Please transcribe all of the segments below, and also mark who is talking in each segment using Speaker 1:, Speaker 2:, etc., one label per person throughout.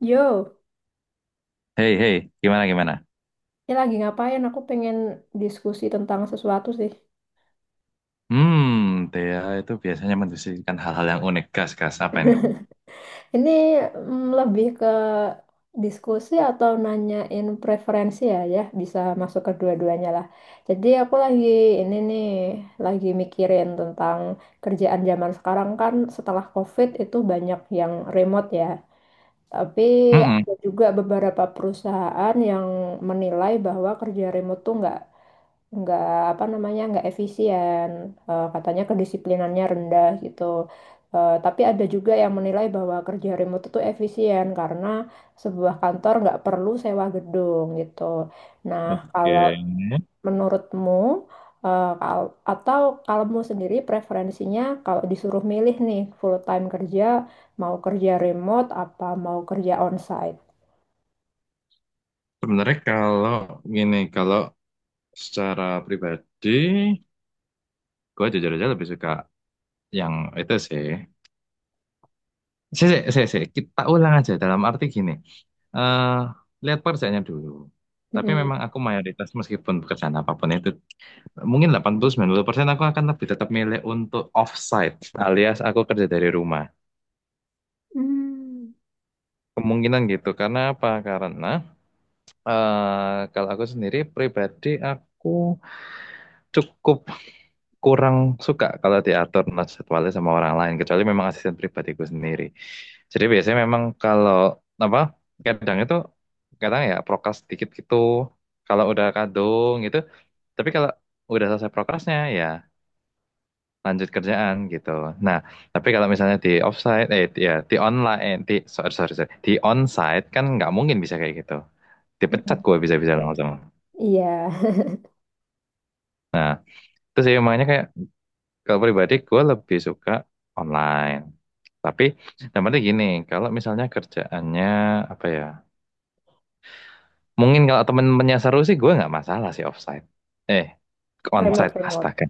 Speaker 1: Yo,
Speaker 2: Hei, hei, gimana, gimana?
Speaker 1: ini lagi ngapain? Aku pengen diskusi tentang sesuatu sih.
Speaker 2: Hmm, Thea itu biasanya mendiskusikan hal-hal yang unik. Gas, gas, apa ini?
Speaker 1: Ini lebih ke diskusi atau nanyain preferensi ya, ya bisa masuk ke dua-duanya lah. Jadi aku lagi ini nih, lagi mikirin tentang kerjaan zaman sekarang kan setelah COVID itu banyak yang remote ya. Tapi
Speaker 2: Mm-mm.
Speaker 1: ada juga beberapa perusahaan yang menilai bahwa kerja remote tuh nggak apa namanya nggak efisien. Katanya kedisiplinannya rendah gitu. Tapi ada juga yang menilai bahwa kerja remote itu efisien karena sebuah kantor nggak perlu sewa gedung gitu. Nah, kalau
Speaker 2: Oke.
Speaker 1: menurutmu, atau kalau mu sendiri preferensinya kalau disuruh milih nih full time kerja, mau kerja remote apa mau kerja onsite?
Speaker 2: Sebenarnya kalau gini, kalau secara pribadi, gue jujur aja lebih suka yang itu sih. Sih, sih, sih, sih. Kita ulang aja dalam arti gini. eh lihat pekerjaannya dulu. Tapi
Speaker 1: Mm-mm.
Speaker 2: memang aku mayoritas meskipun pekerjaan apapun itu, mungkin 80-90% aku akan lebih tetap milih untuk offsite alias aku kerja dari rumah.
Speaker 1: Hmm.
Speaker 2: Kemungkinan gitu, karena apa? Karena kalau aku sendiri pribadi aku cukup kurang suka kalau diatur nah, jadwalnya sama orang lain, kecuali memang asisten pribadiku sendiri. Jadi biasanya memang kalau apa kadang itu kadang ya prokras dikit gitu, kalau udah kadung gitu. Tapi kalau udah selesai prokrasnya ya lanjut kerjaan gitu. Nah, tapi kalau misalnya di offsite, ya di online, sorry sorry, sorry, di onsite kan nggak mungkin bisa kayak gitu, dipecat
Speaker 1: Mm-mm.
Speaker 2: gue bisa-bisa sama-sama.
Speaker 1: Iya.
Speaker 2: Terus ya makanya kayak kalau pribadi gue lebih suka online. Tapi namanya gini, kalau misalnya kerjaannya apa ya? Mungkin kalau temen-temennya seru sih gue nggak masalah sih offsite. Eh,
Speaker 1: Remote
Speaker 2: onsite
Speaker 1: remote.
Speaker 2: astaga.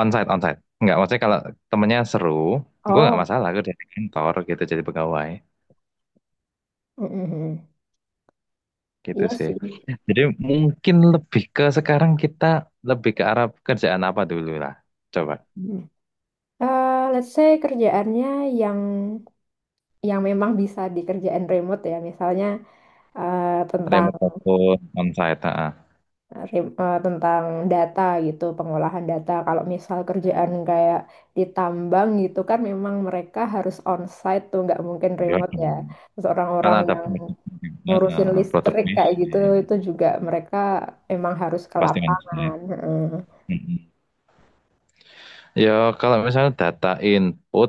Speaker 2: Onsite, onsite. Nggak, maksudnya kalau temennya seru, gue nggak
Speaker 1: Oh.
Speaker 2: masalah gue di kantor gitu jadi pegawai
Speaker 1: Mm-mm.
Speaker 2: gitu
Speaker 1: Iya
Speaker 2: sih.
Speaker 1: sih.
Speaker 2: Jadi mungkin lebih ke sekarang kita lebih ke arah kerjaan apa dulu lah. Coba
Speaker 1: Mm. Let's say kerjaannya yang yang memang bisa dikerjain remote ya, misalnya eh, tentang
Speaker 2: remote maupun onsite. Ah.
Speaker 1: tentang data gitu, pengolahan data. Kalau misal kerjaan kayak di tambang gitu kan, memang mereka harus onsite tuh, nggak mungkin
Speaker 2: Gimana?
Speaker 1: remote ya. Terus
Speaker 2: Karena
Speaker 1: orang-orang
Speaker 2: ada
Speaker 1: yang
Speaker 2: produk juga,
Speaker 1: ngurusin
Speaker 2: eh, produk
Speaker 1: listrik kayak gitu,
Speaker 2: bisnis,
Speaker 1: itu juga mereka emang harus ke
Speaker 2: pasti kan bisnis.
Speaker 1: lapangan. Heeh.
Speaker 2: Mm-mm. Ya, kalau misalnya data input,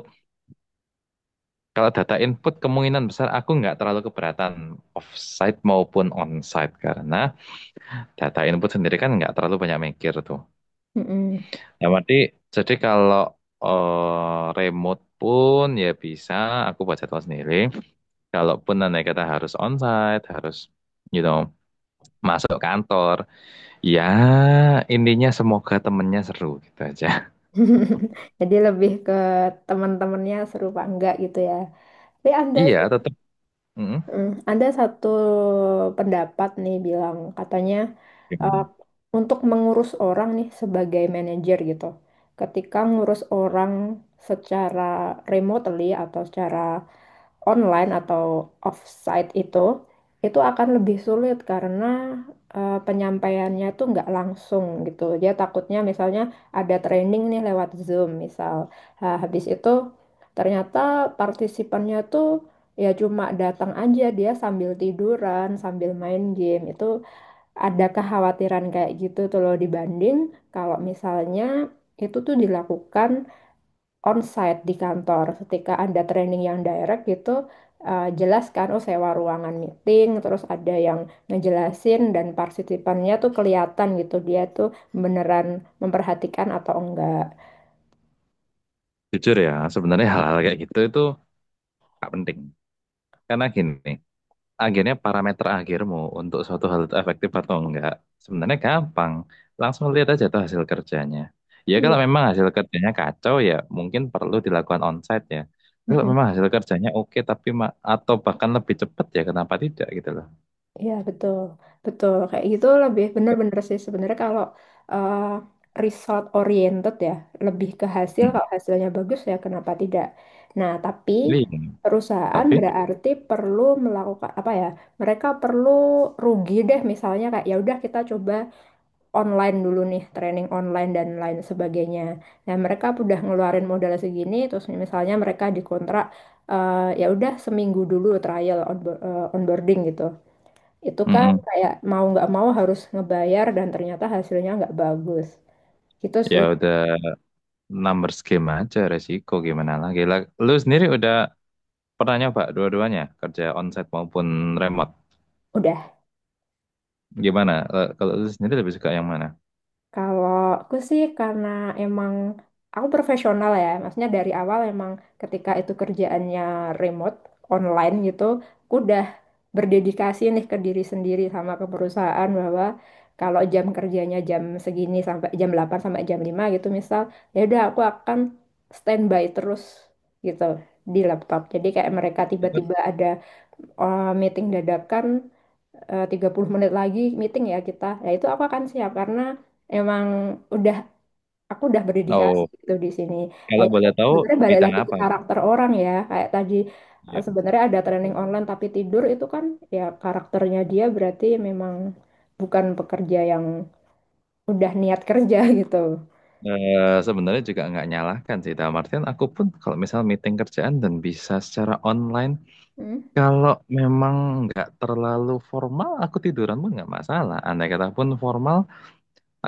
Speaker 2: kalau data input kemungkinan besar aku nggak terlalu keberatan offsite maupun onsite karena data input sendiri kan nggak terlalu banyak mikir tuh.
Speaker 1: Mm-mm.
Speaker 2: Yang berarti jadi kalau remote pun ya bisa aku buat jadwal sendiri. Kalaupun nanti kata harus onsite, harus you know masuk kantor, ya intinya semoga temennya seru gitu aja.
Speaker 1: Jadi lebih ke teman-temannya seru apa enggak gitu ya. Tapi Anda,
Speaker 2: Iya, tetap. Mm.
Speaker 1: Anda satu pendapat nih bilang katanya eh,
Speaker 2: Yang
Speaker 1: untuk mengurus orang nih sebagai manajer gitu. Ketika ngurus orang secara remotely atau secara online atau offsite itu akan lebih sulit karena penyampaiannya tuh nggak langsung gitu. Dia takutnya misalnya ada training nih lewat Zoom misal. Nah, habis itu ternyata partisipannya tuh ya cuma datang aja dia sambil tiduran, sambil main game. Itu ada kekhawatiran kayak gitu tuh loh dibanding kalau misalnya itu tuh dilakukan onsite di kantor. Ketika ada training yang direct gitu, jelas kan, oh sewa ruangan meeting, terus ada yang ngejelasin dan partisipannya tuh kelihatan gitu dia tuh beneran memperhatikan atau enggak.
Speaker 2: Jujur ya, sebenarnya hal-hal kayak gitu itu gak penting. Karena gini, akhirnya parameter akhirmu untuk suatu hal itu efektif atau enggak, sebenarnya gampang. Langsung lihat aja tuh hasil kerjanya. Ya kalau
Speaker 1: Iya.
Speaker 2: memang hasil kerjanya kacau ya mungkin perlu dilakukan onsite ya. Kalau memang hasil kerjanya oke tapi atau bahkan lebih cepat ya kenapa tidak gitu loh.
Speaker 1: Iya betul, betul kayak gitu lebih bener-bener sih sebenarnya kalau eh, result oriented ya, lebih ke hasil,
Speaker 2: Mm.
Speaker 1: kalau hasilnya bagus ya kenapa tidak. Nah tapi
Speaker 2: Iya.
Speaker 1: perusahaan
Speaker 2: Tapi
Speaker 1: berarti perlu melakukan apa ya? Mereka perlu rugi deh misalnya kayak ya udah kita coba online dulu nih training online dan lain sebagainya. Nah mereka udah ngeluarin modal segini terus misalnya mereka dikontrak, ya udah seminggu dulu trial onboarding gitu. Itu kan
Speaker 2: mm-mm.
Speaker 1: kayak mau nggak mau harus ngebayar dan ternyata hasilnya nggak bagus. Gitu sih.
Speaker 2: Ya udah numbers game aja resiko gimana lagi. Lah, lu sendiri udah pernah nyoba dua-duanya, kerja onsite maupun remote.
Speaker 1: Udah.
Speaker 2: Gimana? Eh, kalau lu sendiri lebih suka yang mana?
Speaker 1: Kalau aku sih karena emang aku profesional ya. Maksudnya dari awal emang ketika itu kerjaannya remote, online gitu, aku udah berdedikasi nih ke diri sendiri sama ke perusahaan bahwa kalau jam kerjanya jam segini sampai jam 8 sampai jam 5 gitu misal, ya udah aku akan standby terus gitu di laptop. Jadi kayak mereka
Speaker 2: Itu.
Speaker 1: tiba-tiba ada meeting dadakan, 30 menit lagi meeting ya kita. Nah, itu aku akan siap karena emang udah aku udah berdedikasi
Speaker 2: Oh,
Speaker 1: gitu di sini. Nah,
Speaker 2: kalau
Speaker 1: itu
Speaker 2: boleh tahu
Speaker 1: sebenarnya balik
Speaker 2: bidang
Speaker 1: lagi ke
Speaker 2: apa?
Speaker 1: karakter orang ya. Kayak tadi
Speaker 2: Iya,
Speaker 1: sebenarnya ada training
Speaker 2: betul.
Speaker 1: online tapi tidur itu kan ya karakternya dia berarti memang bukan pekerja yang udah niat kerja gitu.
Speaker 2: Eh, sebenarnya juga nggak nyalahkan sih, dalam artian aku pun kalau misal meeting kerjaan dan bisa secara online,
Speaker 1: Hmm?
Speaker 2: kalau memang nggak terlalu formal, aku tiduran pun nggak masalah. Andai kata pun formal,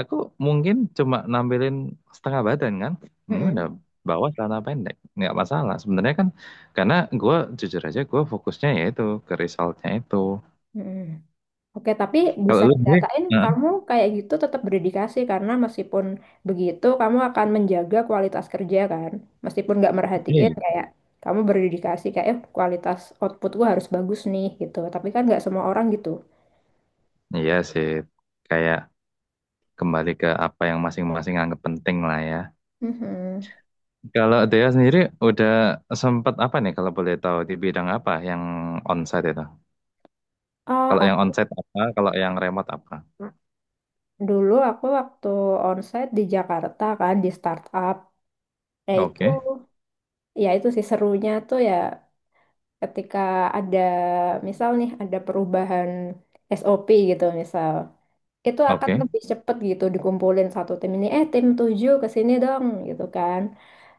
Speaker 2: aku mungkin cuma nampilin setengah badan kan. Udah
Speaker 1: Mm-mm.
Speaker 2: bawa celana pendek. Nggak masalah. Sebenarnya kan karena gue jujur aja gue fokusnya ya itu ke resultnya itu.
Speaker 1: Mm-mm. Oke, tapi
Speaker 2: Kalau
Speaker 1: bisa
Speaker 2: lu sendiri,
Speaker 1: dikatain
Speaker 2: nah,
Speaker 1: kamu kayak gitu tetap berdedikasi karena meskipun begitu kamu akan menjaga kualitas kerja kan. Meskipun nggak merhatiin,
Speaker 2: iya,
Speaker 1: kayak kamu berdedikasi kayak, "Eh, kualitas output gua harus bagus nih," gitu. Tapi kan nggak semua orang gitu.
Speaker 2: iya sih. Kayak kembali ke apa yang masing-masing anggap penting lah ya.
Speaker 1: Mhm.
Speaker 2: Kalau Dea sendiri udah sempat apa nih kalau boleh tahu di bidang apa yang onsite itu?
Speaker 1: Eh,
Speaker 2: Kalau yang
Speaker 1: aku
Speaker 2: onsite apa? Kalau yang remote apa?
Speaker 1: dulu aku waktu onsite di Jakarta kan di startup. Ya itu,
Speaker 2: Oke,
Speaker 1: ya itu sih serunya tuh ya ketika ada misal nih ada perubahan SOP gitu misal. Itu akan
Speaker 2: oke.
Speaker 1: lebih cepet gitu dikumpulin satu tim ini eh tim 7 ke sini dong gitu kan.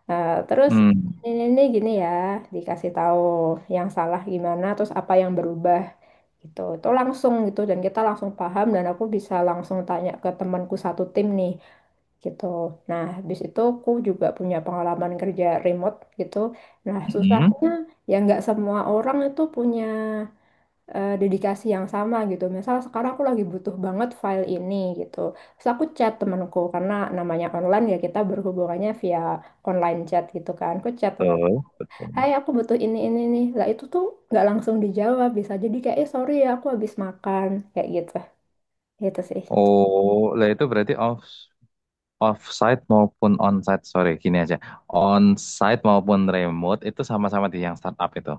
Speaker 1: Nah, terus
Speaker 2: Hmm.
Speaker 1: ini gini ya, dikasih tahu yang salah gimana terus apa yang berubah gitu, itu langsung gitu dan kita langsung paham dan aku bisa langsung tanya ke temanku satu tim nih gitu. Nah, habis itu aku juga punya pengalaman kerja remote gitu. Nah,
Speaker 2: Hmm.
Speaker 1: susahnya ya nggak semua orang itu punya dedikasi yang sama gitu. Misal sekarang aku lagi butuh banget file ini gitu. Terus aku chat temanku karena namanya online ya kita berhubungannya via online chat gitu kan. Aku chat teman,
Speaker 2: Betul,
Speaker 1: "Hai,
Speaker 2: betul.
Speaker 1: aku butuh ini nih." Lah itu tuh nggak langsung dijawab, bisa jadi kayak, "Eh, sorry ya, aku habis makan." Kayak gitu. Gitu sih.
Speaker 2: Oh, lah itu berarti offsite maupun onsite. Sorry, gini aja. Onsite maupun remote itu sama-sama di yang startup itu.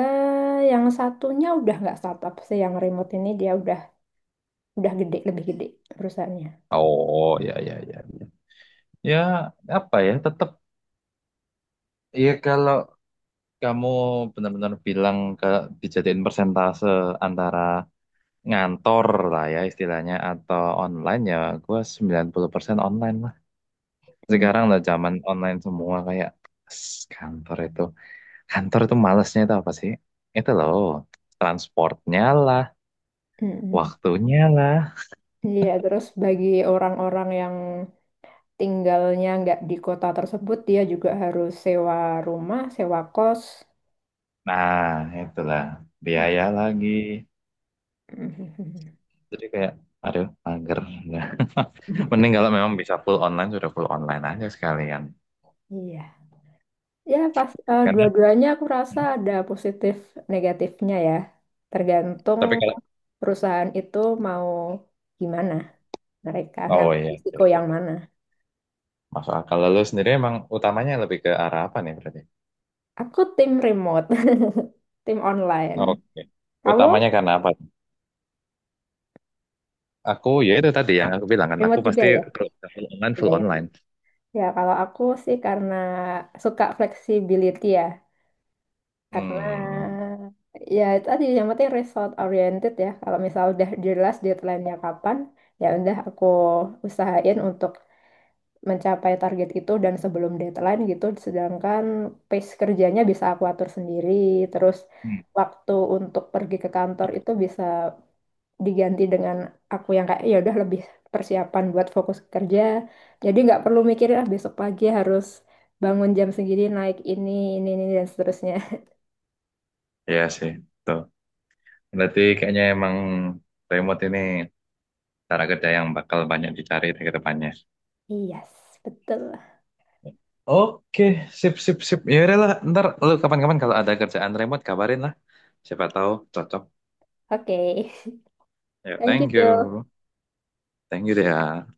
Speaker 1: Yang satunya udah nggak startup sih, yang remote ini dia udah lebih gede perusahaannya.
Speaker 2: Oh, ya, ya, ya. Ya, ya, apa ya? Tetap ya kalau kamu benar-benar bilang ke dijadiin persentase antara ngantor lah ya istilahnya atau online ya gua 90% online lah.
Speaker 1: Hmm,
Speaker 2: Sekarang udah zaman online semua kayak, "Ss, kantor itu Kantor tuh malesnya itu apa sih? Itu loh, transportnya lah,
Speaker 1: hmm, hmm.
Speaker 2: waktunya lah.
Speaker 1: Iya, terus bagi orang-orang yang tinggalnya nggak di kota tersebut, dia juga harus sewa rumah, sewa kos.
Speaker 2: Nah, itulah, biaya lagi. Jadi kayak, aduh, mager. Nah, mending kalau memang bisa full online, sudah full online aja sekalian.
Speaker 1: Iya. Ya, pas
Speaker 2: Karena,
Speaker 1: dua-duanya aku rasa ada positif negatifnya ya. Tergantung
Speaker 2: tapi kalau,
Speaker 1: perusahaan itu mau gimana mereka
Speaker 2: oh,
Speaker 1: ngambil
Speaker 2: iya, iya,
Speaker 1: risiko yang
Speaker 2: iya,
Speaker 1: mana.
Speaker 2: masuk akal. Lalu sendiri emang utamanya lebih ke arah apa nih berarti?
Speaker 1: Aku tim remote, tim online.
Speaker 2: Oke.
Speaker 1: Kamu
Speaker 2: Utamanya karena apa? Aku, ya itu tadi yang aku bilang kan, aku
Speaker 1: remote juga
Speaker 2: pasti
Speaker 1: ya?
Speaker 2: kalau full online,
Speaker 1: Iya,
Speaker 2: full
Speaker 1: ya.
Speaker 2: online.
Speaker 1: Ya, kalau aku sih karena suka flexibility ya. Karena
Speaker 2: Hmm,
Speaker 1: ya itu tadi yang penting result oriented ya. Kalau misal udah jelas deadline-nya kapan, ya udah aku usahain untuk mencapai target itu dan sebelum deadline gitu. Sedangkan pace kerjanya bisa aku atur sendiri. Terus
Speaker 2: hmm.
Speaker 1: waktu untuk pergi ke kantor itu bisa diganti dengan aku yang kayak ya udah lebih persiapan buat fokus kerja. Jadi nggak perlu mikirin ah besok pagi harus bangun jam segini naik ini dan seterusnya.
Speaker 2: Iya sih. Tuh. Berarti kayaknya emang remote ini cara kerja yang bakal banyak dicari ke depannya.
Speaker 1: Yes, betul.
Speaker 2: Oke, sip, sip, sip. Ya udah lah, ntar lu kapan-kapan kalau ada kerjaan remote kabarin lah. Siapa tahu cocok.
Speaker 1: Oke.
Speaker 2: Ya,
Speaker 1: Thank you,
Speaker 2: thank
Speaker 1: Jo.
Speaker 2: you. Thank you, Dea.